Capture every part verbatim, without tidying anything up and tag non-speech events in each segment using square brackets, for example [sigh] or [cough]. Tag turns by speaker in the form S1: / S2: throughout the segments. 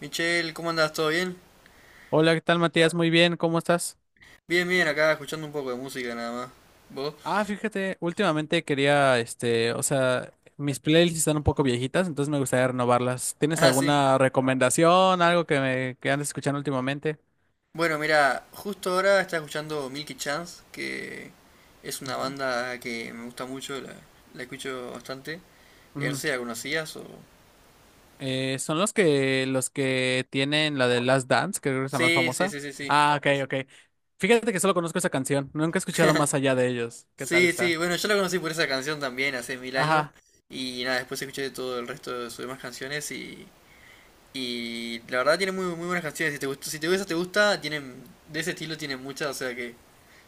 S1: Michelle, ¿cómo andas? ¿Todo bien?
S2: Hola, ¿qué tal, Matías? Muy bien, ¿cómo estás?
S1: Bien, bien, acá escuchando un poco de música nada más. ¿Vos?
S2: Ah,
S1: [laughs]
S2: fíjate, últimamente quería, este, o sea, mis playlists están un poco viejitas, entonces me gustaría renovarlas. ¿Tienes
S1: Ah, sí.
S2: alguna recomendación, algo que me que andes escuchando últimamente?
S1: Bueno, mira, justo ahora está escuchando Milky Chance, que es una
S2: Ujú,
S1: banda que me gusta mucho, la, la escucho bastante. Eh, No sé
S2: ujú.
S1: si la conocías o...
S2: Eh, son los que los que tienen la de Last Dance, que creo que es la más
S1: Sí, sí,
S2: famosa.
S1: sí, sí, sí.
S2: Ah, ok,
S1: Es-
S2: ok. Fíjate que solo conozco esa canción, nunca he escuchado más allá de ellos. ¿Qué tal
S1: Sí, sí,
S2: está?
S1: bueno, yo la conocí por esa canción también hace mil años.
S2: Ajá.
S1: Y nada, después escuché todo el resto de sus demás canciones. Y... Y la verdad tiene muy, muy buenas canciones. Si te gusta, si te gusta, te gusta, tienen... De ese estilo tienen muchas, o sea que,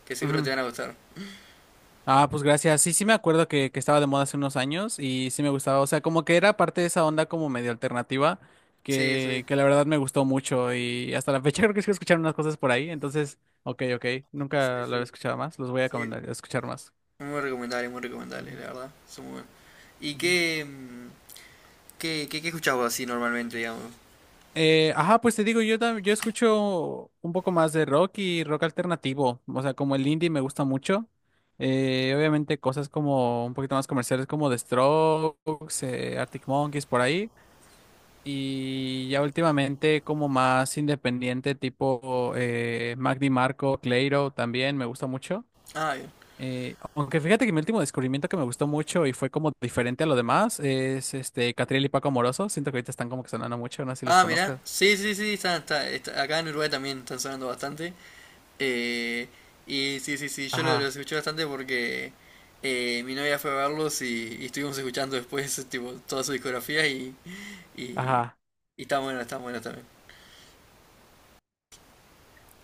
S1: que seguro te van a gustar.
S2: Ah, pues gracias. Sí, sí me acuerdo que, que estaba de moda hace unos años y sí me gustaba. O sea, como que era parte de esa onda como medio alternativa
S1: Sí, sí,
S2: que, que la verdad me gustó mucho y hasta la fecha [laughs] creo que sigo escuchando unas cosas por ahí. Entonces, ok, ok.
S1: sí,
S2: Nunca lo había
S1: sí,
S2: escuchado más. Los voy a
S1: sí.
S2: recomendar, a escuchar más.
S1: Muy recomendable, muy recomendable, la
S2: Ujú,
S1: verdad. Son muy buenos. ¿Y
S2: ujú.
S1: qué, mm, qué, qué, qué escuchás vos así normalmente, digamos?
S2: Eh, ajá, pues te digo, yo, tam- yo escucho un poco más de rock y rock alternativo. O sea, como el indie me gusta mucho. Eh, obviamente cosas como un poquito más comerciales como The Strokes, eh, Arctic Monkeys, por ahí. Y ya últimamente como más independiente, tipo eh, Magdi Marco, Cleiro también me gusta mucho.
S1: Ah, bien.
S2: Eh, aunque fíjate que mi último descubrimiento que me gustó mucho y fue como diferente a lo demás es este Catriel y Paco Amoroso. Siento que ahorita están como que sonando mucho, no sé si los
S1: Ah, mira,
S2: conozcas.
S1: sí, sí, sí, está, está, está- acá en Uruguay también están sonando bastante. Eh, y sí, sí, sí, yo lo-
S2: Ajá,
S1: los escuché bastante porque eh, mi novia fue a verlos, y, y estuvimos escuchando después [laughs] tipo toda su discografía, y, y,
S2: ajá.
S1: y está bueno, está bueno también.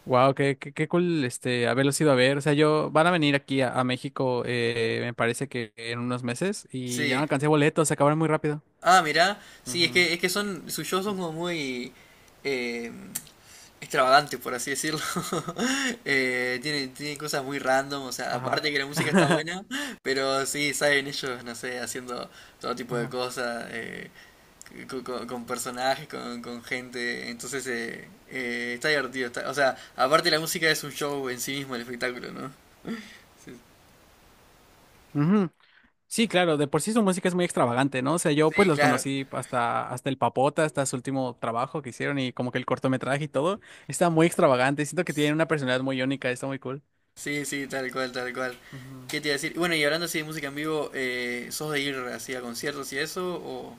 S2: Wow, qué, qué, qué cool este haberlos ido a ver. O sea, yo van a venir aquí a, a México, eh, me parece que en unos meses, y ya no
S1: Sí.
S2: alcancé boletos, se acabaron muy rápido.
S1: Ah, mira, sí, es que, es que son, sus shows son
S2: Ujú.
S1: como muy... em, extravagante, por así decirlo. [laughs] Eh, tiene, tiene cosas muy random, o sea,
S2: Ajá.
S1: aparte que la música está
S2: [laughs]
S1: buena, pero sí, saben ellos, no sé, haciendo todo tipo de
S2: Ajá.
S1: cosas, eh, co- co- con personajes, con, con gente, entonces eh, eh, está divertido. Está- o sea, aparte la música es un show en sí mismo, el espectáculo, ¿no? Sí,
S2: Ujú. Sí, claro, de por sí su música es muy extravagante, ¿no? O sea, yo pues
S1: sí,
S2: los
S1: claro,
S2: conocí hasta, hasta el Papota, hasta su último trabajo que hicieron y como que el cortometraje y todo, está muy extravagante, siento que tienen una personalidad muy única, está muy cool.
S1: sí, sí, tal cual, tal cual.
S2: Ujú.
S1: ¿Qué te iba a decir? Bueno, y hablando así de música en vivo, eh, ¿sos de ir así a conciertos y eso? O...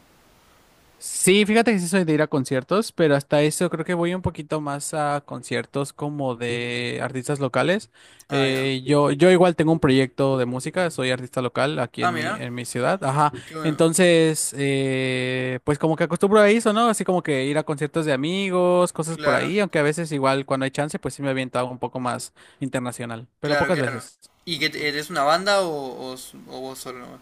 S2: Sí, fíjate que sí soy de ir a conciertos, pero hasta eso creo que voy un poquito más a conciertos como de artistas locales.
S1: Ah, ahí va.
S2: Eh, yo, yo igual tengo un proyecto de música, soy artista local aquí
S1: Ah,
S2: en mi,
S1: mira,
S2: en mi ciudad. Ajá.
S1: qué bueno,
S2: Entonces, eh, pues como que acostumbro a eso, ¿no? Así como que ir a conciertos de amigos, cosas por
S1: claro.
S2: ahí, aunque a veces igual cuando hay chance, pues sí me aviento algo un poco más internacional, pero
S1: Claro,
S2: pocas
S1: claro.
S2: veces.
S1: ¿Y que te-
S2: Ujú.
S1: eres una banda o, o s- o vos solo nomás?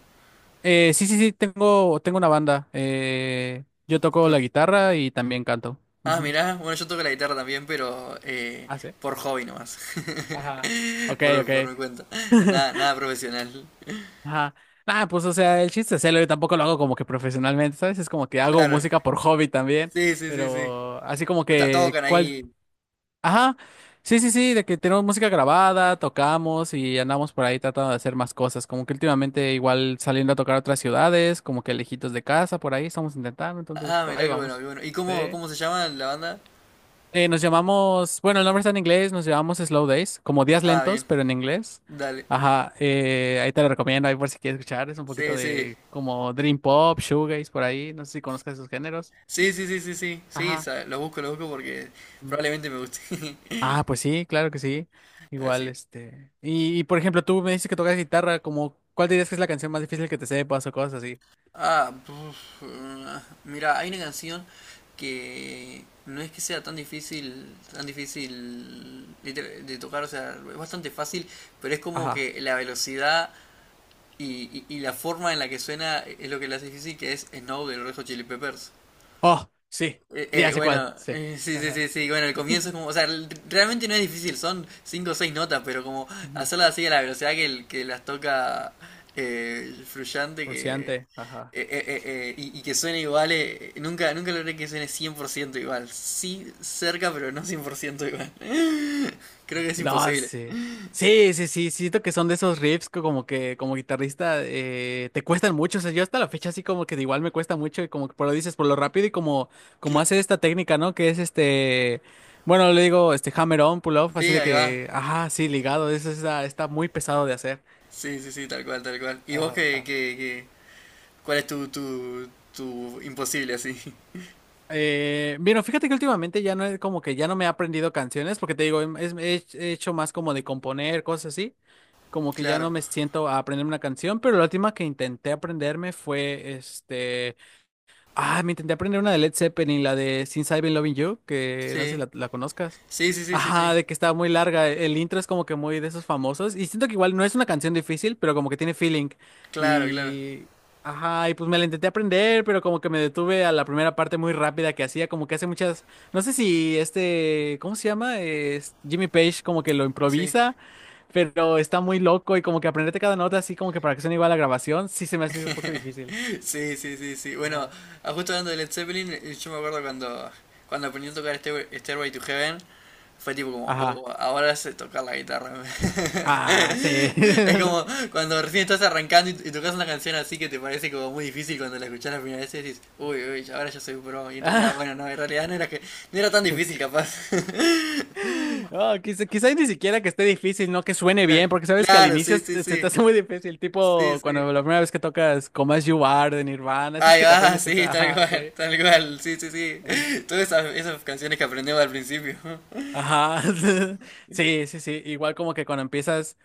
S2: Eh, sí, sí, sí, tengo, tengo una banda. Eh, yo toco la
S1: Yo-
S2: guitarra y también canto.
S1: Ah,
S2: Ujú.
S1: mirá, bueno, yo toco la guitarra también, pero eh,
S2: Ah, sí.
S1: por hobby nomás.
S2: Ajá.
S1: [laughs]
S2: Ok,
S1: Por, por
S2: ok.
S1: mi cuenta. Nada, nada profesional.
S2: Ajá. Ah, pues o sea, el chiste es hacerlo. Yo tampoco lo hago como que profesionalmente, ¿sabes? Es como que hago
S1: Claro.
S2: música por hobby también.
S1: Sí, sí, sí, sí.
S2: Pero así como
S1: Pero ta-
S2: que,
S1: tocan
S2: ¿cuál?
S1: ahí.
S2: Ajá. Sí, sí, sí, de que tenemos música grabada, tocamos y andamos por ahí tratando de hacer más cosas. Como que últimamente igual saliendo a tocar a otras ciudades, como que lejitos de casa, por ahí estamos intentando, entonces
S1: Ah, mirá,
S2: ahí
S1: qué bueno,
S2: vamos.
S1: qué bueno. ¿Y cómo,
S2: Sí.
S1: cómo se llama la banda?
S2: Eh, nos llamamos, bueno, el nombre está en inglés, nos llamamos Slow Days, como días
S1: Ah, bien.
S2: lentos, pero en inglés.
S1: Dale.
S2: Ajá, eh, ahí te lo recomiendo, ahí por si quieres escuchar, es un poquito
S1: Sí, sí.
S2: de como Dream Pop, Shoegaze, por ahí, no sé si conozcas esos géneros.
S1: Sí, sí, sí, sí, sí. Sí,
S2: Ajá.
S1: sa- lo busco, lo busco porque
S2: Mm.
S1: probablemente me guste. [laughs]
S2: Ah, pues sí, claro que sí.
S1: Así
S2: Igual,
S1: que...
S2: este. Y, y, por ejemplo, tú me dices que tocas guitarra, como, ¿cuál dirías que es la canción más difícil que te sepas o cosas así?
S1: Ah, puf, ah, mira, hay una canción que no es que sea tan difícil, tan difícil de, de tocar, o sea, es bastante fácil, pero es como
S2: Ajá.
S1: que la velocidad y, y- y la forma en la que suena es lo que la hace difícil, que es Snow de los Red Hot Chili Peppers.
S2: Oh, sí,
S1: Eh,
S2: sí, ya
S1: eh,
S2: sé cuál,
S1: bueno,
S2: sí.
S1: eh, sí, sí,
S2: Ajá.
S1: sí, sí, bueno, el comienzo es
S2: [laughs]
S1: como, o sea, l- realmente no es difícil, son cinco o seis notas, pero como
S2: Ujú.
S1: hacerlas así a la velocidad que, el- que las toca eh, el Frusciante, que, eh,
S2: Frustrante, ajá.
S1: eh, eh, eh, y, y que suene igual. Eh, nunca, nunca logré que suene cien por ciento igual. Sí, cerca, pero no cien por ciento igual. [laughs] Creo que es
S2: No,
S1: imposible.
S2: sí. Sí, sí, sí, siento que son de esos riffs que como que como guitarrista eh, te cuestan mucho, o sea, yo hasta la fecha así como que igual me cuesta mucho y como que por lo dices, por lo rápido y como como
S1: Cla-
S2: hace esta técnica, ¿no? Que es este, bueno, le digo este hammer on, pull off, así
S1: Sí,
S2: de
S1: ahí va.
S2: que, ajá, sí, ligado, eso está, está muy pesado de hacer.
S1: Sí, sí, sí, tal cual, tal cual. ¿Y vos qué,
S2: Ajá.
S1: qué, qué? ¿Cuál es tu, tu, tu imposible así? [laughs]
S2: Eh, bueno, fíjate que últimamente ya no es como que ya no me he aprendido canciones, porque te digo, he, he hecho más como de componer, cosas así. Como que ya
S1: Claro.
S2: no me siento a aprenderme una canción, pero la última que intenté aprenderme fue este Ah, me intenté aprender una de Led Zeppelin, la de Since I've Been Loving You, que no sé si
S1: Sí.
S2: la, la conozcas.
S1: Sí, sí, sí, sí,
S2: Ajá,
S1: sí.
S2: de que estaba muy larga. e, El intro es como que muy de esos famosos. Y siento que igual no es una canción difícil, pero como que tiene feeling.
S1: Claro, claro.
S2: Y. Ajá, y pues me la intenté aprender, pero como que me detuve a la primera parte muy rápida que hacía, como que hace muchas. No sé si este. ¿Cómo se llama? Es Jimmy Page como que lo
S1: Sí.
S2: improvisa, pero está muy loco y como que aprenderte cada nota así como que para que suene igual a la grabación, sí se me hace un poco
S1: [laughs]
S2: difícil.
S1: Sí, sí, sí, sí. Bueno,
S2: Ajá.
S1: ah, justo hablando de Led Zeppelin, eh, yo me acuerdo cuando, cuando aprendí a tocar Stair- Stairway to Heaven, fue tipo como,
S2: Ajá.
S1: oh, ahora sé tocar la guitarra. [laughs]
S2: Ah, sí.
S1: Es como
S2: [laughs]
S1: cuando recién estás arrancando, y, y tocas una canción así que te parece como muy difícil cuando la escuchás la primera vez y decís, uy, uy, ya- ahora ya soy pro. Y en realidad,
S2: Ah,
S1: bueno, no, en realidad no era que, no era tan difícil capaz. [laughs]
S2: oh, quizá- quizás ni siquiera que esté difícil, no que suene
S1: Claro,
S2: bien, porque sabes que al
S1: claro,
S2: inicio
S1: sí,
S2: se
S1: sí,
S2: te, se te
S1: sí.
S2: hace muy difícil,
S1: Sí,
S2: tipo
S1: sí.
S2: cuando la primera vez que tocas Como As You Are de Nirvana, esas
S1: Ahí
S2: que te
S1: va, [laughs]
S2: aprendes siempre,
S1: sí, tal
S2: ajá,
S1: cual,
S2: sí.
S1: tal cual, sí, sí, sí.
S2: Ajá.
S1: Todas esas, esas canciones que aprendemos al principio. [laughs]
S2: Ajá, [laughs] sí, sí, sí, igual como que cuando empiezas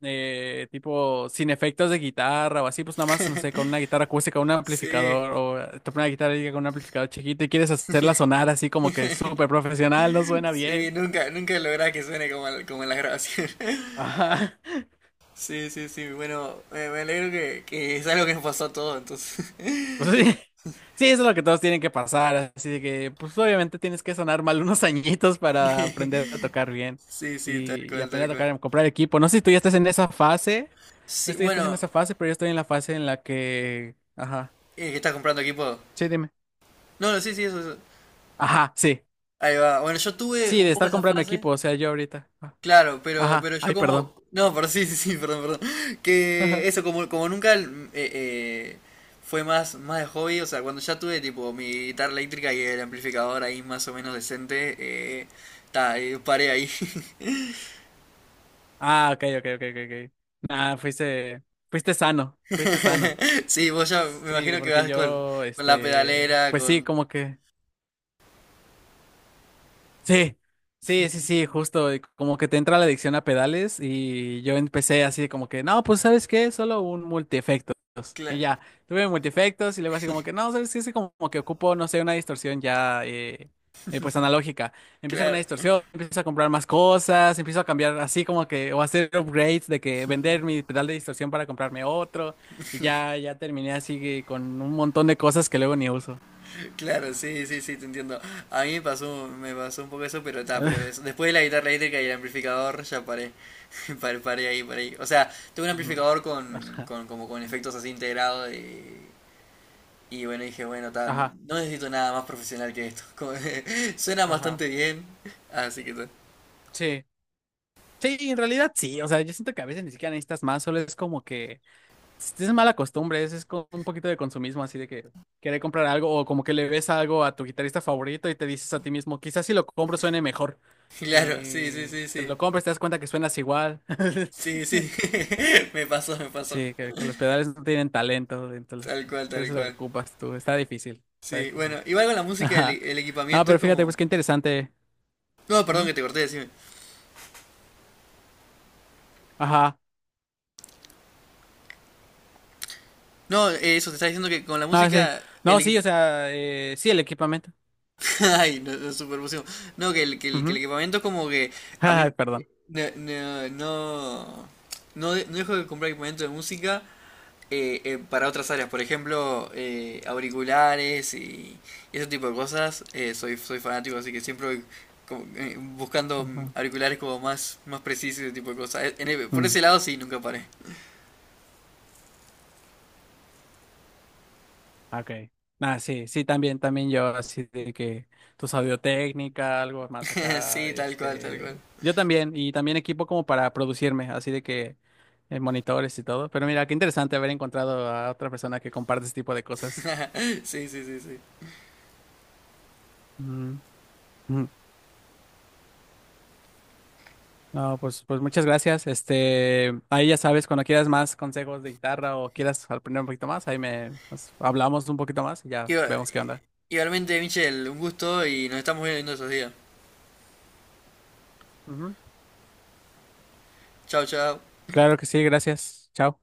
S2: eh, tipo sin efectos de guitarra o así, pues nada más, no sé, con una guitarra acústica, un
S1: Sí,
S2: amplificador o eh, te pones una guitarra y con un amplificador chiquito y quieres hacerla sonar así como que súper profesional, no suena bien.
S1: sí, nunca, nunca lográs que suene como, en- como en las grabaciones. [laughs]
S2: Ajá.
S1: Sí, sí, sí, bueno, me, me alegro que, que es algo que nos pasó a todos, entonces.
S2: [laughs] Pues sí, sí, eso es lo que todos tienen que pasar, así de que, pues obviamente tienes que sonar mal unos [laughs] añitos para aprender a tocar
S1: [laughs]
S2: bien
S1: Sí, sí, tal
S2: y, y
S1: cual, tal
S2: aprender a
S1: cual.
S2: tocar, a comprar equipo. No sé si tú ya estás en esa fase, no
S1: Sí,
S2: sé si ya estás en
S1: bueno,
S2: esa fase, pero yo estoy en la fase en la que, ajá,
S1: eh, ¿que estás comprando equipo?
S2: sí, dime.
S1: No, no, sí, sí, eso, eso.
S2: Ajá, sí,
S1: Ahí va. Bueno, yo tuve
S2: sí,
S1: un
S2: de
S1: poco
S2: estar
S1: esa
S2: comprando
S1: fase,
S2: equipo, o sea, yo ahorita. Ah,
S1: claro, pero,
S2: Ajá,
S1: pero yo
S2: ay, perdón.
S1: como... No, pero sí, sí, sí, perdón, perdón.
S2: [laughs] Ajá.
S1: Que eso, como, como nunca mm, eh, eh, fue más, más de hobby, o sea, cuando ya tuve tipo mi guitarra eléctrica y el amplificador ahí más o menos decente, eh, ta, eh, paré ahí. [laughs]
S2: Ah, ok, ok, ok, ok, ok. Nah, fuiste, fuiste sano, fuiste sano.
S1: Sí, vos ya me
S2: Sí,
S1: imagino que
S2: porque
S1: vas con,
S2: yo,
S1: con la
S2: este,
S1: pedalera,
S2: pues sí,
S1: con...
S2: como que... Sí, sí, sí, sí, justo, y como que te entra la adicción a pedales y yo empecé así como que, no, pues ¿sabes qué? Solo un multiefectos. Y
S1: cla-
S2: ya, tuve multiefectos y luego así como que, no, ¿sabes qué? Es como, como que ocupo, no sé, una distorsión ya, eh, eh, pues analógica. Empiezo con una
S1: claro.
S2: distorsión, empiezo a comprar más cosas, empiezo a cambiar así como que, o hacer upgrades de que vender mi pedal de distorsión para comprarme otro y ya, ya terminé así que con un montón de cosas que luego ni uso.
S1: Claro, sí, sí, sí, te entiendo. A mí me pasó, me pasó un poco eso, pero está, pero es-
S2: [laughs]
S1: después de la guitarra eléctrica y el amplificador ya paré. [laughs] Paré, paré ahí, paré ahí. O sea, tuve un
S2: Ujú.
S1: amplificador con,
S2: Ajá,
S1: con, como con efectos así integrados, y, y bueno, dije, bueno, está,
S2: ajá,
S1: no necesito nada más profesional que esto. [laughs] Como que suena
S2: ajá.
S1: bastante bien, así que ta. [laughs]
S2: Sí, Sí, en realidad sí, o sea, yo siento que a veces ni siquiera necesitas más, solo es como que es mala costumbre, es, es como un poquito de consumismo, así de que querer comprar algo o como que le ves algo a tu guitarrista favorito y te dices a ti mismo, quizás si lo compro suene mejor.
S1: Claro, sí, sí,
S2: Y
S1: sí,
S2: te
S1: sí.
S2: lo compras, te das cuenta que suenas igual.
S1: Sí,
S2: [laughs]
S1: sí, [laughs] me pasó, me pasó.
S2: Sí, que, que los pedales no tienen talento, entonces
S1: Tal cual, tal
S2: entonces lo
S1: cual.
S2: ocupas tú, está difícil, está
S1: Sí, bueno,
S2: difícil.
S1: igual con la
S2: [laughs]
S1: música, el,
S2: Ajá.
S1: el
S2: No,
S1: equipamiento
S2: pero
S1: es
S2: fíjate,
S1: como...
S2: pues qué interesante.
S1: No, perdón
S2: Ujú.
S1: que te corté, decime.
S2: Ajá.
S1: No, eh, eso, te estaba diciendo que con la
S2: No, sí,
S1: música, el
S2: no,
S1: equi-
S2: sí, o sea, eh, sí, el equipamiento.
S1: [laughs] Ay, no, no, súper emoción. No, que el, que el, que el
S2: Ujú.
S1: equipamiento es como que
S2: [laughs]
S1: a mí
S2: Ay, perdón.
S1: eh, no, no, no, no de- no dejo de comprar equipamiento de música eh, eh, para otras áreas. Por ejemplo, eh, auriculares y, y ese tipo de cosas. Eh, soy, soy fanático, así que siempre voy como, eh, buscando
S2: Ajá.
S1: auriculares como más, más precisos y ese tipo de cosas. Eh, en el- por
S2: Mm,
S1: ese lado sí, nunca paré.
S2: ok. Ah, sí, sí, también, también yo, así de que tu técnica, algo más
S1: [laughs]
S2: acá,
S1: Sí, tal cual, tal cual.
S2: este, yo también, y también equipo como para producirme, así de que eh, monitores y todo, pero mira, qué interesante haber encontrado a otra persona que comparte este tipo de cosas.
S1: [laughs] Sí, sí, sí,
S2: Mm, mm. No, pues, pues muchas gracias, este, ahí ya sabes, cuando quieras más consejos de guitarra o quieras aprender un poquito más, ahí me, nos hablamos un poquito más y
S1: sí.
S2: ya vemos qué onda.
S1: Igualmente, Michelle, un gusto y nos estamos viendo en estos días.
S2: Ujú.
S1: Chao, chao.
S2: Claro que sí, gracias, chao.